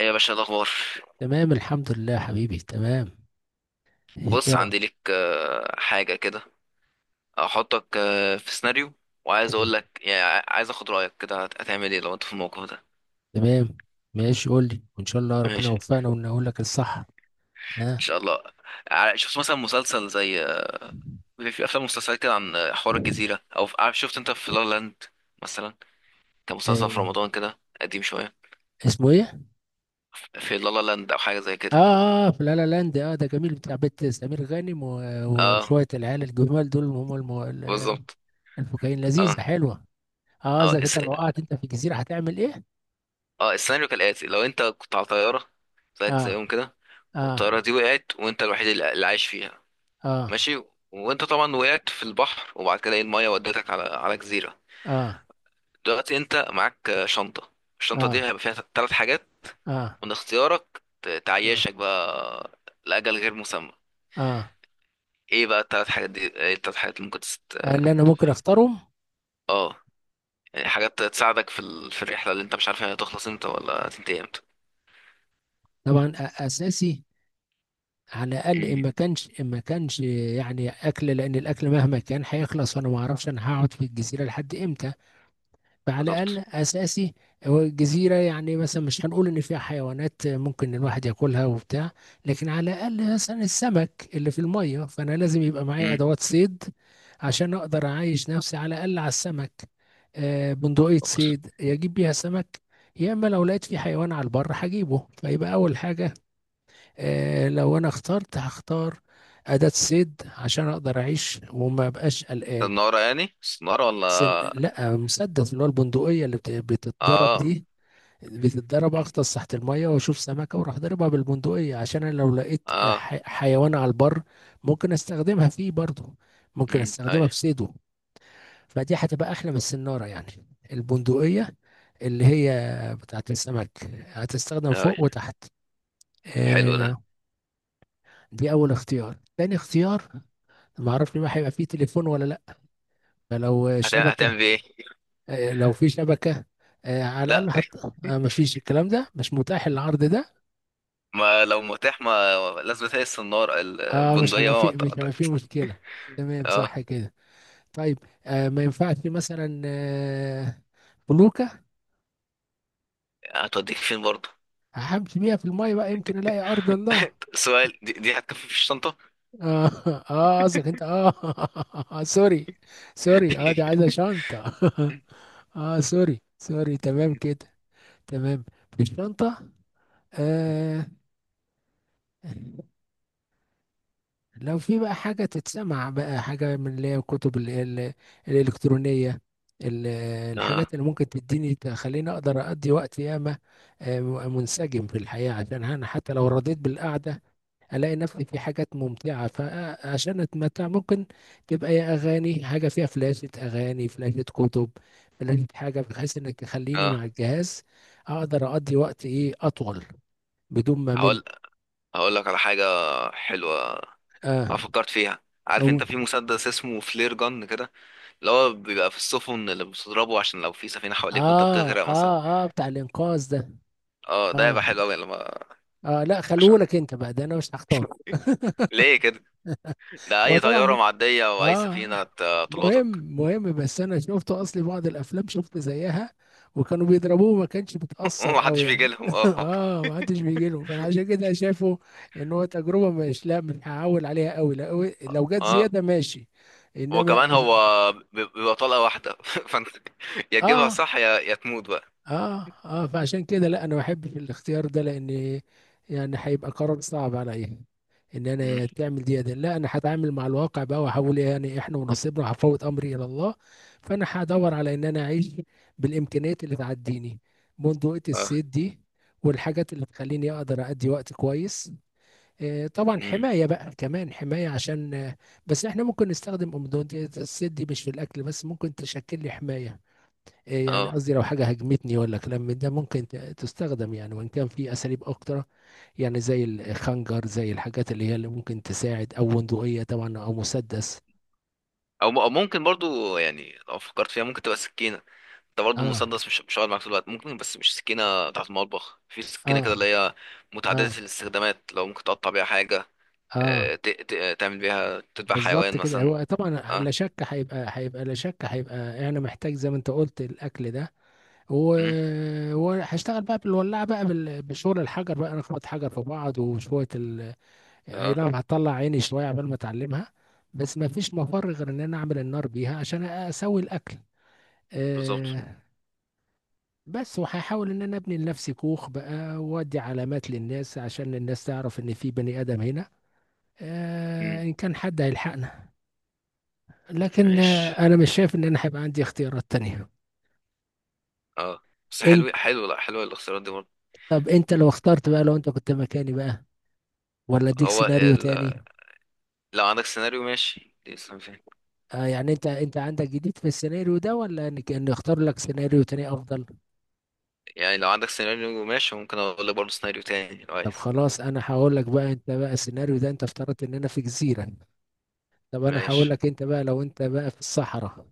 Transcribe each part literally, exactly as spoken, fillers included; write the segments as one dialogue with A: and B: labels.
A: ايه يا باشا، الاخبار؟
B: تمام، الحمد لله يا حبيبي، تمام.
A: بص،
B: ايوه.
A: عندي ليك آه، حاجه كده. احطك آه، في سيناريو، وعايز اقول
B: تمام
A: لك يعني ع- عايز اخد رايك، كده هت- هتعمل ايه لو انت في الموقف ده؟
B: تمام. ماشي، قول لي وان شاء الله ربنا
A: ماشي.
B: يوفقنا ونقول لك الصح.
A: ان
B: ها.
A: شاء الله. ع- شفت مثلا مسلسل زي، آه، بيبقى في افلام مسلسلات كده عن آه، حوار الجزيره، او في... عارف، شفت انت في لا لا لاند مثلا؟ كان مسلسل
B: آه.
A: في رمضان كده قديم شويه.
B: اسمه ايه؟
A: في لا لا لاند او حاجه زي كده.
B: اه اه، في لا لا لاند. اه، ده جميل بتاع بيت سمير غانم و-
A: اه،
B: وشويه العيال الجمال دول، هم الم... ال-
A: بالظبط.
B: الفكاهين، لذيذه
A: اه.
B: حلوه. اه،
A: اه
B: اذا كنت
A: الس...
B: لو وقعت انت في جزيره هتعمل ايه؟
A: اه، السيناريو كالاتي، لو انت كنت على طياره، زيك
B: اه
A: زيهم كده،
B: اه
A: والطياره دي وقعت، وانت الوحيد اللي اللي عايش فيها.
B: اه
A: ماشي. وانت طبعا وقعت في البحر، وبعد كده ايه المايه ودتك على على جزيره.
B: اه
A: دلوقتي انت معاك آه، شنطه، الشنطه دي
B: اه
A: هيبقى فيها ثلاث حاجات
B: اه
A: من اختيارك ت-
B: اه
A: تعيشك بقى لاجل غير مسمى.
B: اه.
A: ايه بقى الثلاث حاجات دي، ايه الثلاث حاجات اللي ممكن تست...
B: اللي انا ممكن اختارهم؟
A: اه، يعني حاجات تساعدك في ال... في الرحله اللي انت مش عارف هي هتخلص امتى ولا هتنتهي امتى.
B: طبعا، أ- اساسي. على الاقل، ان
A: مم.
B: ما كانش، ان ما كانش يعني اكل، لان الاكل مهما كان هيخلص، وانا ما اعرفش انا هقعد في الجزيره لحد امتى. فعلى الاقل
A: بالظبط.
B: اساسي. هو الجزيره يعني مثلا مش هنقول ان فيها حيوانات ممكن الواحد ياكلها وبتاع، لكن على الاقل مثلا السمك اللي في الميه، فانا لازم يبقى معايا
A: مم.
B: ادوات صيد، عشان اقدر اعيش نفسي على الاقل على السمك. آه، بندقيه
A: بالظبط.
B: صيد يجيب بيها سمك. يا اما لو لقيت في حيوان على البر هجيبه، فيبقى اول حاجه. آه، لو انا اخترت هختار اداة صيد، عشان اقدر اعيش وما بقاش قلقان.
A: النارة، يعني النارة
B: سن...
A: ولا؟
B: لا، مسدس، اللي هو البندقية اللي بت... بتتضرب
A: اه.
B: دي. بتتضرب،
A: مم.
B: اغطس تحت المية واشوف سمكة واروح ضاربها بالبندقية. عشان انا لو لقيت
A: اه.
B: ح... حيوان على البر، ممكن استخدمها فيه برضه، ممكن
A: مم. اي.
B: استخدمها في صيده. فدي هتبقى احلى من السنارة يعني، البندقية اللي هي بتاعت السمك، هتستخدم
A: اي.
B: فوق وتحت.
A: حلو ده.
B: آه، دي اول اختيار. تاني اختيار، ما اعرفش بقى هيبقى فيه تليفون ولا لا. لو
A: هتعمل
B: شبكه،
A: هتعمل بيه ايه؟
B: آه، لو في شبكه، آه، على الاقل
A: لا،
B: حط. ما فيش، الكلام ده مش متاح، العرض ده.
A: ما لو متاح، ما لازم تهي السنارة
B: اه، مش
A: البندقية
B: هيبقى
A: بقى ما
B: فيه مش
A: ت-
B: هيبقى
A: ت-
B: فيه مشكله. تمام
A: اه.
B: صح كده. طيب. آه ما ينفعش مثلا آه فلوكه،
A: هتوديك فين برضه؟
B: همشي بيها في الميه بقى، يمكن الاقي ارض الله.
A: سؤال، دي, دي هتكفي في الشنطة؟
B: اه اه، قصدك انت. اه. آه، سوري. سوري، اه دي عايزه شنطه. اه، سوري سوري، تمام كده. تمام. في الشنطه، آه، لو في بقى حاجة تتسمع بقى، حاجة من اللي هي الكتب ال- ال- الإلكترونية، ال-
A: اه.
B: الحاجات اللي ممكن تديني تخليني أقدر أقضي وقت ياما، آه، منسجم في الحياة، عشان أنا حتى لو رضيت بالقعدة ألاقي نفسي في حاجات ممتعة، فعشان أتمتع، ممكن تبقى يا أغاني، حاجة فيها فلاشة أغاني، فلاشة كتب، فلاشة حاجة، بحيث إنك تخليني
A: اه.
B: مع الجهاز أقدر أقضي وقت إيه أطول، بدون ما مل.
A: هقول هقول لك على حاجة حلوة. انا
B: آه.
A: فكرت فيها، عارف انت
B: أقول.
A: في مسدس اسمه فلير جن كده، اللي هو بيبقى في السفن اللي بتضربه عشان لو في سفينة حواليك وانت
B: اه
A: بتغرق مثلا.
B: اه اه، بتاع الانقاذ ده.
A: اه، ده
B: اه
A: هيبقى حلو قوي لما
B: اه، لا،
A: عشان
B: خلوهولك انت بقى، ده انا مش هختار.
A: ليه كده؟ ده
B: هو
A: اي
B: طبعا
A: طيارة
B: م-
A: معدية او اي
B: اه،
A: سفينة هت- هتلقطك.
B: مهم مهم، بس انا شفت اصلي بعض الافلام شفت زيها، وكانوا بيضربوه ما كانش بتأثر
A: ومحدش
B: قوي
A: بيجي
B: يعني.
A: لهم، اه.
B: اه، ما حدش بيجي له، فانا عشان كده شايفه ان هو تجربه، مش، لا، مش هعول عليها قوي، لا. لو جت
A: اه،
B: زياده ماشي، انما
A: وكمان
B: أز-
A: هو بيب- بيبقى طلقة واحدة فانت يا تجيبها
B: اه
A: صح يا يا تموت بقى.
B: اه اه، فعشان كده لا، انا ما بحبش الاختيار ده، لان يعني هيبقى قرار صعب عليا ان
A: مم.
B: انا تعمل دي. ده لا، انا هتعامل مع الواقع بقى واحاول، يعني احنا ونصيبنا، هفوت امري الى الله. فانا هدور على ان انا اعيش بالامكانيات اللي تعديني، بندقية
A: اه.
B: الصيد دي، والحاجات اللي تخليني اقدر ادي وقت كويس. آه طبعا،
A: مم.
B: حماية بقى كمان، حماية عشان آه بس احنا ممكن نستخدم بندقية الصيد دي مش في الاكل بس، ممكن تشكل لي حماية. إيه يعني
A: اه.
B: قصدي، لو حاجة هاجمتني ولا كلام من ده ممكن ت- تستخدم يعني، وإن كان في أساليب أكتر، يعني زي الخنجر، زي الحاجات اللي هي اللي ممكن تساعد، أو بندقية طبعا، أو مسدس.
A: او م- أو ممكن برضو، يعني لو فكرت فيها ممكن تبقى سكينة. انت برضو
B: آه
A: المسدس مش مش هقعد معاك طول الوقت، ممكن، بس مش سكينة بتاعت المطبخ، في سكينة كده
B: آه
A: اللي هي متعددة
B: آه
A: الاستخدامات، لو ممكن تقطع بيها حاجة، آه،
B: آه.
A: ت- ت- تعمل بيها تذبح
B: بالظبط
A: حيوان
B: كده،
A: مثلا.
B: هو طبعا لا
A: اه.
B: شك هيبقى، هيبقى لا شك هيبقى، أنا محتاج زي ما أنت قلت الأكل ده و...
A: مم.
B: وهشتغل بقى بالولاعة بقى، بال... بشغل الحجر بقى، نخبط حجر في بعض وشوية. اي
A: اه،
B: نعم، هتطلع عيني شويه عبال ما اتعلمها، بس ما فيش مفر غير ان انا اعمل النار بيها عشان اسوي الاكل.
A: بالظبط.
B: أه. بس وهحاول ان انا ابني لنفسي كوخ بقى، وادي علامات للناس عشان الناس تعرف ان في بني ادم هنا، أه،
A: مم.
B: ان كان حد هيلحقنا. لكن آه،
A: ماشي.
B: انا مش شايف ان انا هيبقى عندي اختيارات تانية.
A: اه، بس
B: انت،
A: حلو حلو، لا، حلوة الاختيارات دي برضه.
B: طب انت لو اخترت بقى، لو انت كنت مكاني بقى، ولا اديك
A: هو،
B: سيناريو تاني؟
A: لو عندك سيناريو ماشي لسه، ما فاهم.
B: أه، يعني انت انت عندك جديد في السيناريو ده، ولا ان إن اختار لك سيناريو تاني افضل؟
A: يعني لو عندك سيناريو ماشي، ممكن اقول لك برضه سيناريو تاني لو
B: طب
A: عايز.
B: خلاص، انا هقول لك بقى، انت بقى، السيناريو ده انت افترضت ان انا في جزيرة. طب انا هقول
A: ماشي.
B: لك، انت بقى لو انت بقى في الصحراء،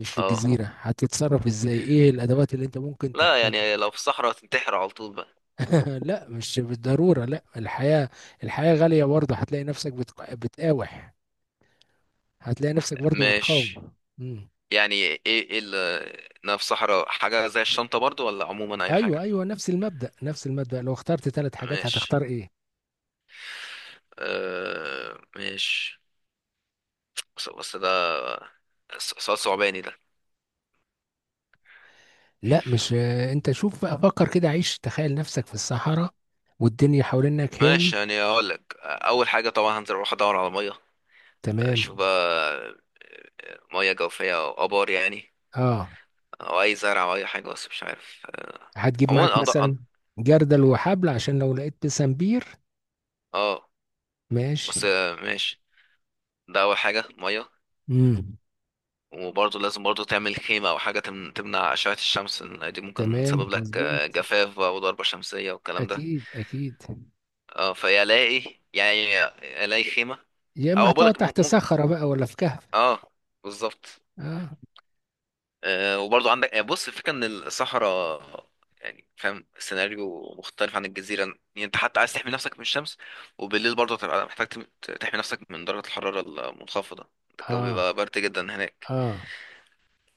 B: مش في
A: اه.
B: الجزيرة، هتتصرف ازاي؟ ايه الادوات اللي انت ممكن
A: لا،
B: تحتاجها؟
A: يعني لو في الصحراء هتنتحر على طول بقى.
B: لا، مش بالضرورة، لا، الحياة، الحياة غالية برضه، هتلاقي نفسك بتق... بتقاوح، هتلاقي نفسك برضه
A: ماشي.
B: بتقاوم. مم.
A: يعني ايه ايه اللي، انا في الصحراء حاجة زي الشنطة برضه، ولا عموما اي
B: ايوه
A: حاجة؟
B: ايوه، نفس المبدأ، نفس المبدأ، لو اخترت ثلاث حاجات هتختار
A: ماشي.
B: ايه؟
A: آه، ماشي. بس, بس ده س- سؤال صعباني ده.
B: لا، مش آه، انت شوف بقى، فكر كده، عيش، تخيل نفسك في الصحراء والدنيا حوالينك. هو،
A: ماشي، يعني اقول لك اول حاجة طبعا هنزل اروح ادور على مية،
B: تمام.
A: اشوف بقى مياه جوفية أو آبار يعني،
B: اه،
A: أو أي زرع أو أي حاجة، بس مش عارف.
B: هتجيب معاك
A: عموما أض- أض-
B: مثلا جردل وحبل، عشان لو لقيت بسنبير؟
A: اه،
B: ماشي.
A: بس آه، ماشي. ده اول حاجه، ميه.
B: امم.
A: وبرضه لازم برضه تعمل خيمه او حاجه تم- تمنع اشعه الشمس، إن دي ممكن
B: تمام،
A: تسبب لك
B: مظبوط.
A: آه، جفاف بقى وضربه شمسيه والكلام ده.
B: اكيد اكيد.
A: اه، فيا الاقي يعني، الاقي خيمه.
B: يا اما
A: او بقول
B: هتقعد
A: لك م...
B: تحت
A: م...
B: صخرة بقى، ولا في كهف.
A: اه، بالظبط.
B: اه
A: آه، وبرضه عندك آه، بص، الفكرة ان الصحراء، يعني فاهم، سيناريو مختلف عن الجزيرة، يعني انت حتى عايز تحمي نفسك من الشمس، وبالليل برضه هتبقى محتاج تم- تحمي نفسك من درجة الحرارة المنخفضة، الجو
B: اه
A: بيبقى برد جدا هناك.
B: اه.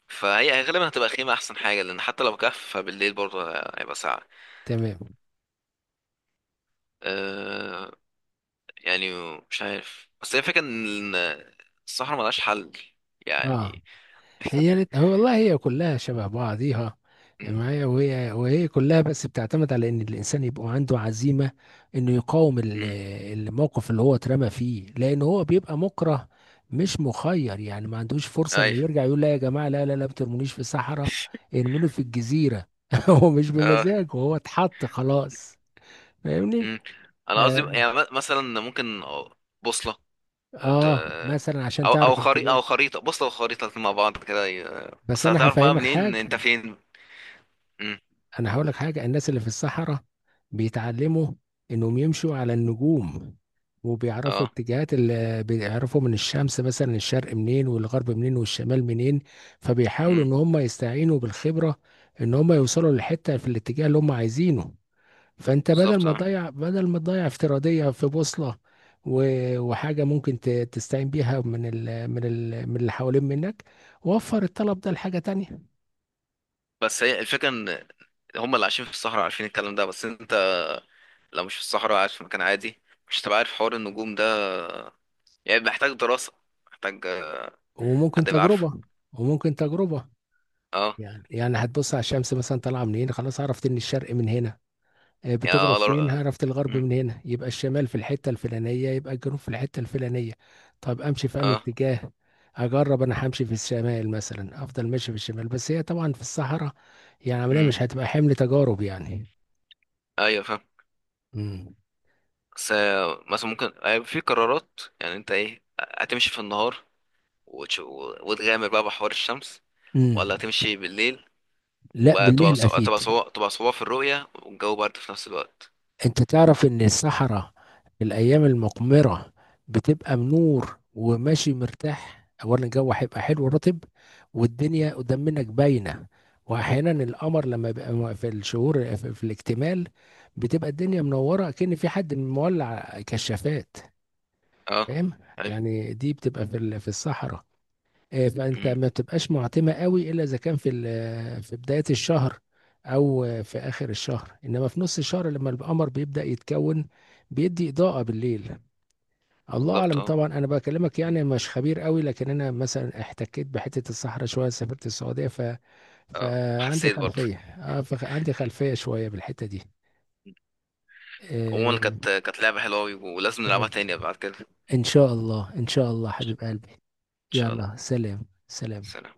A: فهي غالبا هتبقى خيمة أحسن حاجة، لأن حتى لو كهف فبالليل برضه هيبقى ساقع.
B: تمام.
A: أه. يعني مش عارف، بس هي الفكرة إن الصحراء ملهاش حل
B: اه.
A: يعني.
B: هي لت... هو والله، هي كلها شبه بعضيها
A: م-
B: معايا، وهي وهي كلها، بس بتعتمد على ان الانسان يبقى عنده عزيمه انه يقاوم ال-
A: م-
B: الموقف اللي هو اترمى فيه، لان هو بيبقى مكره، مش مخير، يعني ما عندوش فرصه
A: أيوه.
B: انه يرجع يقول: لا يا جماعه، لا لا لا، ما ترمونيش في الصحراء، ارموني في الجزيره! هو مش بمزاجه، هو اتحط خلاص. فاهمني؟
A: مم. انا قصدي،
B: اه.
A: يعني م- مثلا ممكن بوصله، ت-
B: آه، مثلا عشان
A: او او
B: تعرف
A: خريطه،
B: الاتجاه.
A: او خريطه بوصله وخريطه، الاتنين مع بعض كده ي-
B: بس
A: بس
B: انا
A: هتعرف بقى
B: هفهمك
A: منين انت
B: حاجه،
A: فين. مم.
B: انا هقول لك حاجه: الناس اللي في الصحراء بيتعلموا انهم يمشوا على النجوم، وبيعرفوا
A: اه.
B: اتجاهات، اللي بيعرفوا من الشمس مثلا: الشرق منين، والغرب منين، والشمال منين. فبيحاولوا
A: مم.
B: ان هم يستعينوا بالخبره ان هم يوصلوا للحته في الاتجاه اللي هم عايزينه. فانت بدل
A: بالظبط.
B: ما
A: اه،
B: تضيع، بدل ما تضيع افتراضيه في بوصله و- وحاجه ممكن ت- تستعين بيها من ال من ال من اللي حوالين منك، وفر الطلب ده لحاجه تانية.
A: بس هي الفكره ان هم اللي عايشين في الصحراء عارفين الكلام ده، بس انت لو مش في الصحراء، قاعد في مكان عادي، مش هتبقى عارف حوار النجوم ده، يعني محتاج دراسه، محتاج آه،
B: وممكن
A: حد يبقى عارفه.
B: تجربه وممكن تجربه.
A: اه،
B: يعني يعني هتبص على الشمس مثلا طالعه من هنا، خلاص، عرفت ان الشرق من هنا. آه،
A: يعني
B: بتغرب
A: اه،
B: فين؟
A: لو-
B: عرفت الغرب
A: مم.
B: من هنا، يبقى الشمال في الحته الفلانيه، يبقى الجنوب في الحته الفلانيه. طب امشي في انه
A: اه.
B: اتجاه؟ اجرب، انا همشي في الشمال مثلا، افضل ماشي في الشمال، بس هي طبعا في الصحراء يعني عمليه، مش
A: مم.
B: هتبقى حمل تجارب يعني.
A: ايوه، فاهم.
B: امم.
A: بس آه، مثلا ممكن آه، في قرارات، يعني انت ايه، هتمشي في النهار وتش- و- وتغامر بقى بحوار الشمس، ولا
B: امم.
A: هتمشي بالليل
B: لا،
A: وبقى تبقى
B: بالليل
A: صو... تبقى
B: اكيد.
A: صو... تبقى صعوبة في الرؤية والجو برد في نفس الوقت؟
B: انت تعرف ان الصحراء في الايام المقمرة بتبقى منور وماشي مرتاح، اولا الجو هيبقى حلو ورطب، والدنيا قدام منك باينة، واحيانا القمر لما بيبقى م- في الشهور، في في الاكتمال، بتبقى الدنيا منورة كأن في حد مولع كشافات.
A: اه.
B: فاهم؟
A: ايوه.
B: يعني دي بتبقى في ال- في الصحراء. آه، فانت
A: امم.
B: ما بتبقاش معتمه قوي، الا اذا كان في ال- في بدايه الشهر، او آه، في اخر الشهر، انما في نص الشهر لما القمر بيبدا يتكون، بيدي اضاءه بالليل. الله
A: بالظبط.
B: اعلم
A: اه.
B: طبعا، انا بكلمك
A: مم.
B: يعني مش خبير قوي، لكن انا مثلا احتكيت بحته الصحراء شويه، سافرت السعوديه ف...
A: اه،
B: فعندي
A: حسيت برضه.
B: خلفيه اه فعندي خلفيه شويه بالحته دي.
A: مم. عموما كانت
B: آه،
A: كانت لعبة حلوة أوي، ولازم نلعبها
B: تمام،
A: تاني بعد كده ان
B: ان شاء الله ان شاء الله حبيب قلبي،
A: شاء الله.
B: يلا سلام سلام.
A: سلام.